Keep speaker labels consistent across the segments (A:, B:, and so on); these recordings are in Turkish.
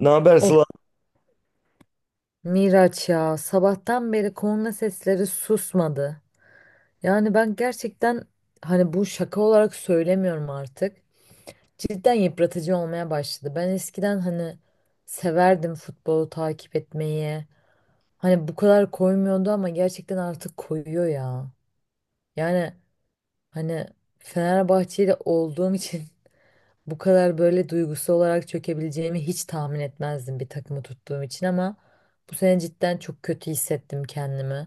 A: Ne haber
B: Of,
A: Sıla?
B: Miraç ya, sabahtan beri korna sesleri susmadı. Yani ben gerçekten bu şaka olarak söylemiyorum artık. Cidden yıpratıcı olmaya başladı. Ben eskiden hani severdim futbolu takip etmeyi. Hani bu kadar koymuyordu ama gerçekten artık koyuyor ya. Yani hani Fenerbahçeli olduğum için bu kadar böyle duygusal olarak çökebileceğimi hiç tahmin etmezdim bir takımı tuttuğum için, ama bu sene cidden çok kötü hissettim kendimi.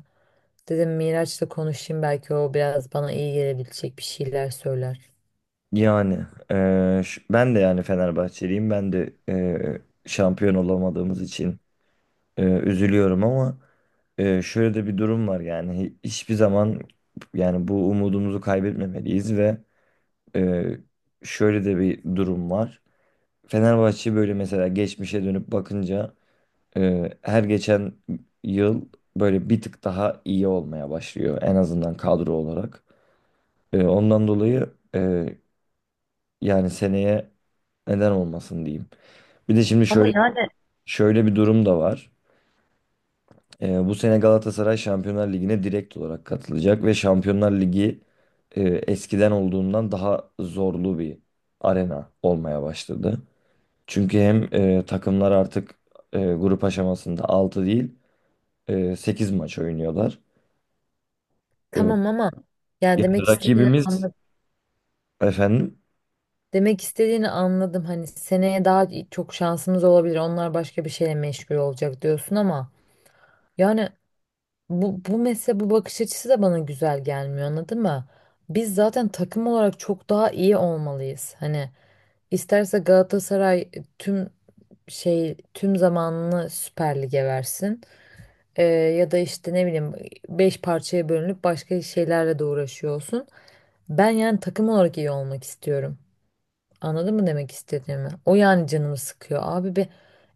B: Dedim Miraç'la konuşayım, belki o biraz bana iyi gelebilecek bir şeyler söyler.
A: Yani ben de yani Fenerbahçeliyim. Ben de şampiyon olamadığımız için üzülüyorum ama şöyle de bir durum var yani. Hiçbir zaman, yani bu umudumuzu kaybetmemeliyiz, ve eee, şöyle de bir durum var. Fenerbahçe böyle mesela geçmişe dönüp bakınca her geçen yıl böyle bir tık daha iyi olmaya başlıyor, en azından kadro olarak. Ondan dolayı. Yani seneye neden olmasın diyeyim. Bir de şimdi
B: Ama
A: şöyle
B: yani,
A: şöyle bir durum da var. Bu sene Galatasaray Şampiyonlar Ligi'ne direkt olarak katılacak ve Şampiyonlar Ligi eskiden olduğundan daha zorlu bir arena olmaya başladı. Çünkü hem takımlar artık grup aşamasında 6 değil 8 maç oynuyorlar. E,
B: tamam, ama yani
A: Yani
B: demek istediğini
A: rakibimiz
B: anladım.
A: efendim,
B: Demek istediğini anladım. Hani seneye daha çok şansımız olabilir, onlar başka bir şeyle meşgul olacak diyorsun, ama yani bu mesela, bu bakış açısı da bana güzel gelmiyor, anladın mı? Biz zaten takım olarak çok daha iyi olmalıyız. Hani isterse Galatasaray tüm tüm zamanını Süper Lig'e versin. Ya da işte ne bileyim, beş parçaya bölünüp başka şeylerle de uğraşıyor olsun. Ben yani takım olarak iyi olmak istiyorum. Anladın mı demek istediğimi? O yani canımı sıkıyor. Abi bir,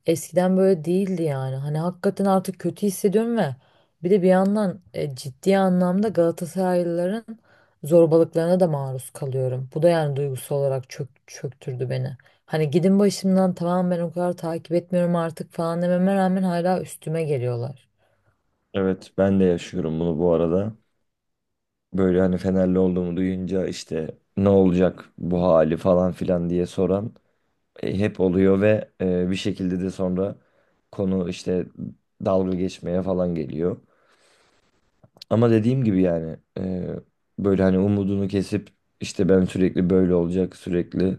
B: eskiden böyle değildi yani. Hani hakikaten artık kötü hissediyorum ve bir de bir yandan ciddi anlamda Galatasaraylıların zorbalıklarına da maruz kalıyorum. Bu da yani duygusal olarak çöktürdü beni. Hani gidin başımdan, tamam, ben o kadar takip etmiyorum artık falan dememe rağmen hala üstüme geliyorlar.
A: evet, ben de yaşıyorum bunu bu arada. Böyle hani Fenerli olduğumu duyunca işte ne olacak bu hali falan filan diye soran hep oluyor ve bir şekilde de sonra konu işte dalga geçmeye falan geliyor. Ama dediğim gibi yani böyle hani umudunu kesip işte ben sürekli böyle olacak, sürekli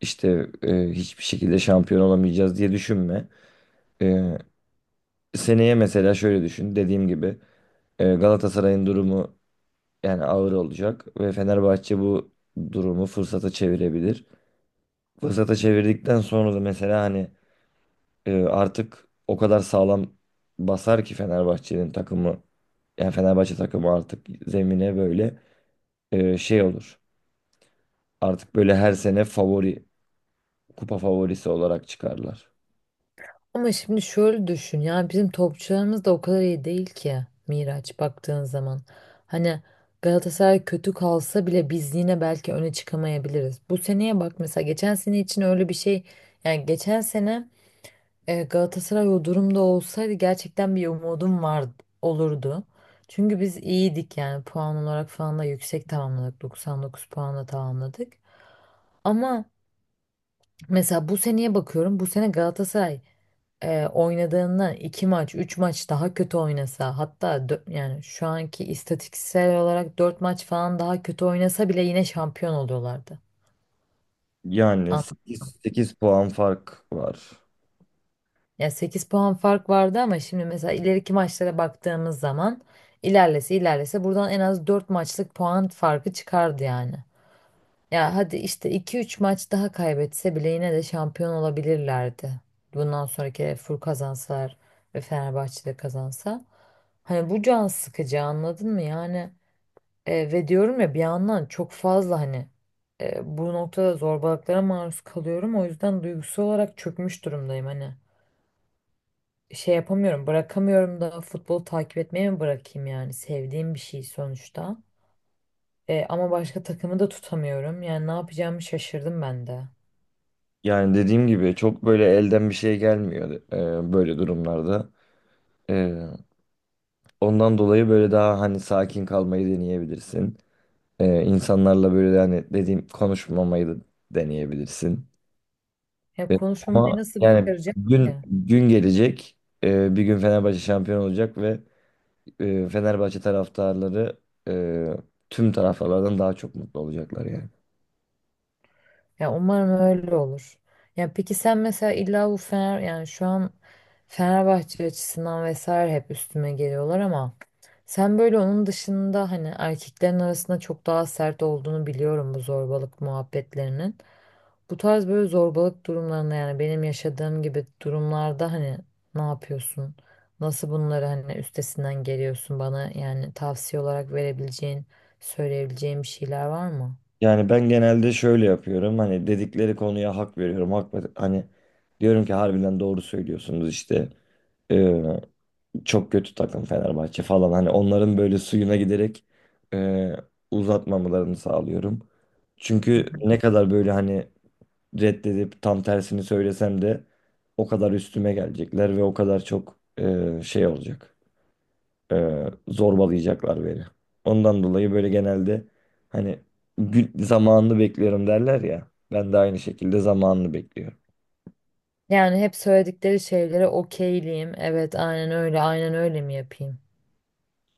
A: işte hiçbir şekilde şampiyon olamayacağız diye düşünme. E, Seneye mesela şöyle düşün, dediğim gibi Galatasaray'ın durumu yani ağır olacak ve Fenerbahçe bu durumu fırsata çevirebilir. Fırsata çevirdikten sonra da mesela hani artık o kadar sağlam basar ki Fenerbahçe'nin takımı, yani Fenerbahçe takımı artık zemine böyle şey olur. Artık böyle her sene favori, kupa favorisi olarak çıkarlar.
B: Ama şimdi şöyle düşün, yani bizim topçularımız da o kadar iyi değil ki Miraç, baktığın zaman. Hani Galatasaray kötü kalsa bile biz yine belki öne çıkamayabiliriz. Bu seneye bak, mesela geçen sene için öyle bir şey, yani geçen sene Galatasaray o durumda olsaydı gerçekten bir umudum var olurdu. Çünkü biz iyiydik yani, puan olarak falan da yüksek tamamladık, 99 puanla tamamladık. Ama mesela bu seneye bakıyorum, bu sene Galatasaray oynadığından iki maç, üç maç daha kötü oynasa, hatta yani şu anki istatistiksel olarak dört maç falan daha kötü oynasa bile yine şampiyon oluyorlardı.
A: Yani
B: An-
A: sekiz puan fark var.
B: Ya, 8 puan fark vardı ama şimdi mesela ileriki maçlara baktığımız zaman ilerlese ilerlese buradan en az 4 maçlık puan farkı çıkardı yani. Ya hadi işte iki üç maç daha kaybetse bile yine de şampiyon olabilirlerdi. Bundan sonraki Fur kazansalar ve Fenerbahçe de kazansa. Hani bu can sıkıcı, anladın mı? Yani ve diyorum ya, bir yandan çok fazla hani bu noktada zorbalıklara maruz kalıyorum. O yüzden duygusal olarak çökmüş durumdayım hani. Şey yapamıyorum, bırakamıyorum da, futbolu takip etmeyi mi bırakayım yani? Sevdiğim bir şey sonuçta. Ama başka takımı da tutamıyorum. Yani ne yapacağımı şaşırdım ben de.
A: Yani dediğim gibi çok böyle elden bir şey gelmiyor böyle durumlarda. E, Ondan dolayı böyle daha hani sakin kalmayı deneyebilirsin. İnsanlarla böyle hani, dediğim, konuşmamayı da deneyebilirsin.
B: Ya
A: Ee,
B: konuşmamı
A: Ama
B: nasıl
A: yani
B: başaracak
A: gün
B: ki?
A: gün gelecek. Bir gün Fenerbahçe şampiyon olacak ve Fenerbahçe taraftarları e, tüm taraftarlardan daha çok mutlu olacaklar yani.
B: Ya umarım öyle olur. Ya peki sen mesela illa bu Fener, yani şu an Fenerbahçe açısından vesaire hep üstüme geliyorlar, ama sen böyle onun dışında, hani erkeklerin arasında çok daha sert olduğunu biliyorum bu zorbalık muhabbetlerinin. Bu tarz böyle zorbalık durumlarında, yani benim yaşadığım gibi durumlarda, hani ne yapıyorsun? Nasıl bunları hani üstesinden geliyorsun? Bana yani tavsiye olarak verebileceğin, söyleyebileceğin bir şeyler var mı?
A: Yani ben genelde şöyle yapıyorum. Hani dedikleri konuya hak veriyorum. Hani diyorum ki harbiden doğru söylüyorsunuz işte, çok kötü takım Fenerbahçe falan. Hani onların böyle suyuna giderek e, uzatmamalarını sağlıyorum.
B: Hı
A: Çünkü
B: hı.
A: ne kadar böyle hani reddedip tam tersini söylesem de o kadar üstüme gelecekler ve o kadar çok şey olacak. Zorbalayacaklar beni. Ondan dolayı böyle genelde hani zamanını bekliyorum derler ya. Ben de aynı şekilde zamanını bekliyorum.
B: Yani hep söyledikleri şeylere okeyliyim. Evet, aynen öyle, aynen öyle mi yapayım?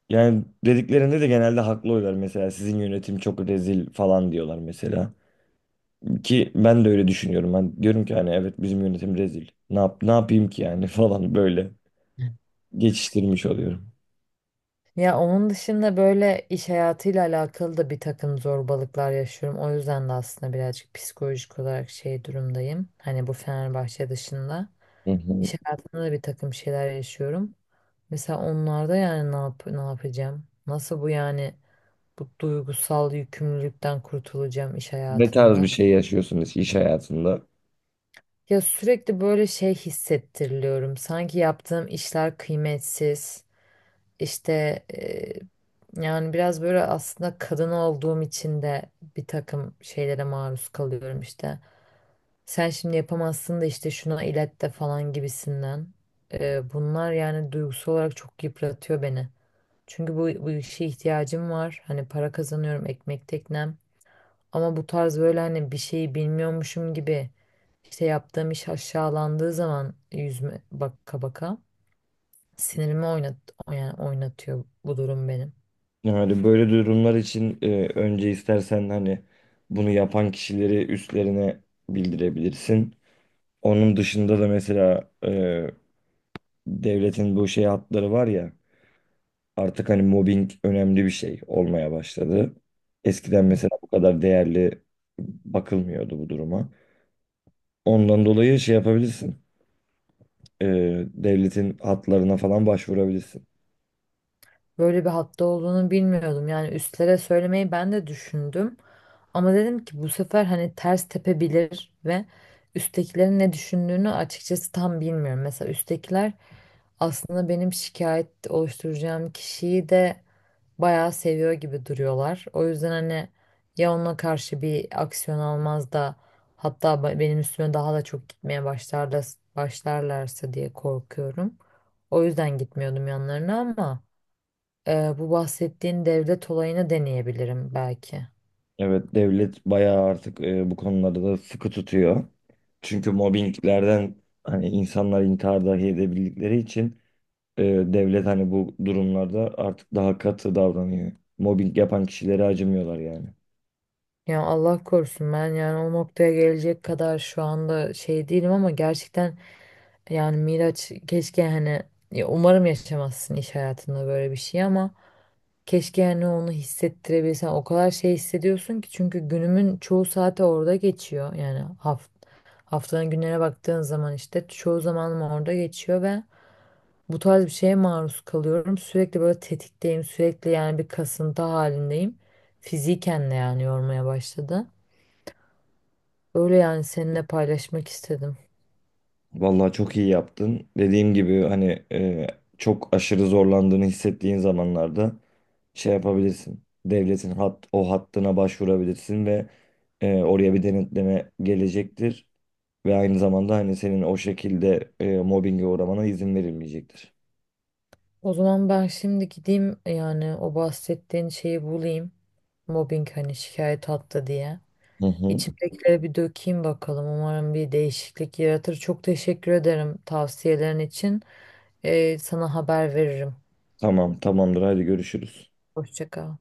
A: Yani dediklerinde de genelde haklı oluyorlar. Mesela sizin yönetim çok rezil falan diyorlar mesela. Ki ben de öyle düşünüyorum. Ben diyorum ki hani evet, bizim yönetim rezil. Ne yapayım ki yani falan, böyle geçiştirmiş oluyorum.
B: Ya onun dışında böyle iş hayatıyla alakalı da bir takım zorbalıklar yaşıyorum. O yüzden de aslında birazcık psikolojik olarak şey durumdayım. Hani bu Fenerbahçe dışında.
A: Hı hı.
B: İş hayatında da bir takım şeyler yaşıyorum. Mesela onlarda yani ne yap, ne yapacağım? Nasıl bu yani bu duygusal yükümlülükten kurtulacağım iş
A: Ne tarz bir
B: hayatında?
A: şey yaşıyorsunuz iş hayatında?
B: Ya sürekli böyle şey hissettiriliyorum. Sanki yaptığım işler kıymetsiz. İşte e, yani biraz böyle aslında kadın olduğum için de bir takım şeylere maruz kalıyorum işte. Sen şimdi yapamazsın da, işte şuna ilet de falan gibisinden. Bunlar yani duygusal olarak çok yıpratıyor beni. Çünkü bu işe ihtiyacım var. Hani para kazanıyorum, ekmek teknem. Ama bu tarz böyle hani bir şeyi bilmiyormuşum gibi, işte yaptığım iş aşağılandığı zaman yüzme baka baka sinirimi oynat yani oynatıyor bu durum benim.
A: Yani böyle durumlar için önce istersen hani bunu yapan kişileri üstlerine bildirebilirsin. Onun dışında da mesela devletin bu şey hatları var ya, artık hani mobbing önemli bir şey olmaya başladı. Eskiden
B: Hı.
A: mesela bu kadar değerli bakılmıyordu bu duruma. Ondan dolayı şey yapabilirsin. Devletin hatlarına falan başvurabilirsin.
B: Böyle bir hatta olduğunu bilmiyordum. Yani üstlere söylemeyi ben de düşündüm. Ama dedim ki bu sefer hani ters tepebilir ve üsttekilerin ne düşündüğünü açıkçası tam bilmiyorum. Mesela üsttekiler aslında benim şikayet oluşturacağım kişiyi de bayağı seviyor gibi duruyorlar. O yüzden hani ya ona karşı bir aksiyon almaz da hatta benim üstüme daha da çok gitmeye başlarlarsa diye korkuyorum. O yüzden gitmiyordum yanlarına, ama bu bahsettiğin devlet olayını deneyebilirim belki.
A: Evet, devlet bayağı artık bu konularda da sıkı tutuyor. Çünkü mobbinglerden hani insanlar intihar dahi edebildikleri için devlet hani bu durumlarda artık daha katı davranıyor. Mobbing yapan kişilere acımıyorlar yani.
B: Ya Allah korusun, ben yani o noktaya gelecek kadar şu anda şey değilim, ama gerçekten yani Miraç keşke hani, ya umarım yaşamazsın iş hayatında böyle bir şey, ama keşke hani onu hissettirebilsen, o kadar şey hissediyorsun ki, çünkü günümün çoğu saati orada geçiyor yani, haftanın günlerine baktığın zaman işte çoğu zamanım orada geçiyor ve bu tarz bir şeye maruz kalıyorum. Sürekli böyle tetikteyim. Sürekli yani bir kasıntı halindeyim. Fiziken de yani yormaya başladı. Öyle, yani seninle paylaşmak istedim.
A: Vallahi çok iyi yaptın. Dediğim gibi hani çok aşırı zorlandığını hissettiğin zamanlarda şey yapabilirsin. Devletin o hattına başvurabilirsin ve oraya bir denetleme gelecektir. Ve aynı zamanda hani senin o şekilde mobbinge uğramana izin verilmeyecektir.
B: O zaman ben şimdi gideyim yani o bahsettiğin şeyi bulayım. Mobbing hani, şikayet attı diye.
A: Hı hı.
B: İçimdekileri bir dökeyim bakalım. Umarım bir değişiklik yaratır. Çok teşekkür ederim tavsiyelerin için. Sana haber veririm.
A: Tamam, tamamdır. Hadi görüşürüz.
B: Hoşça kal.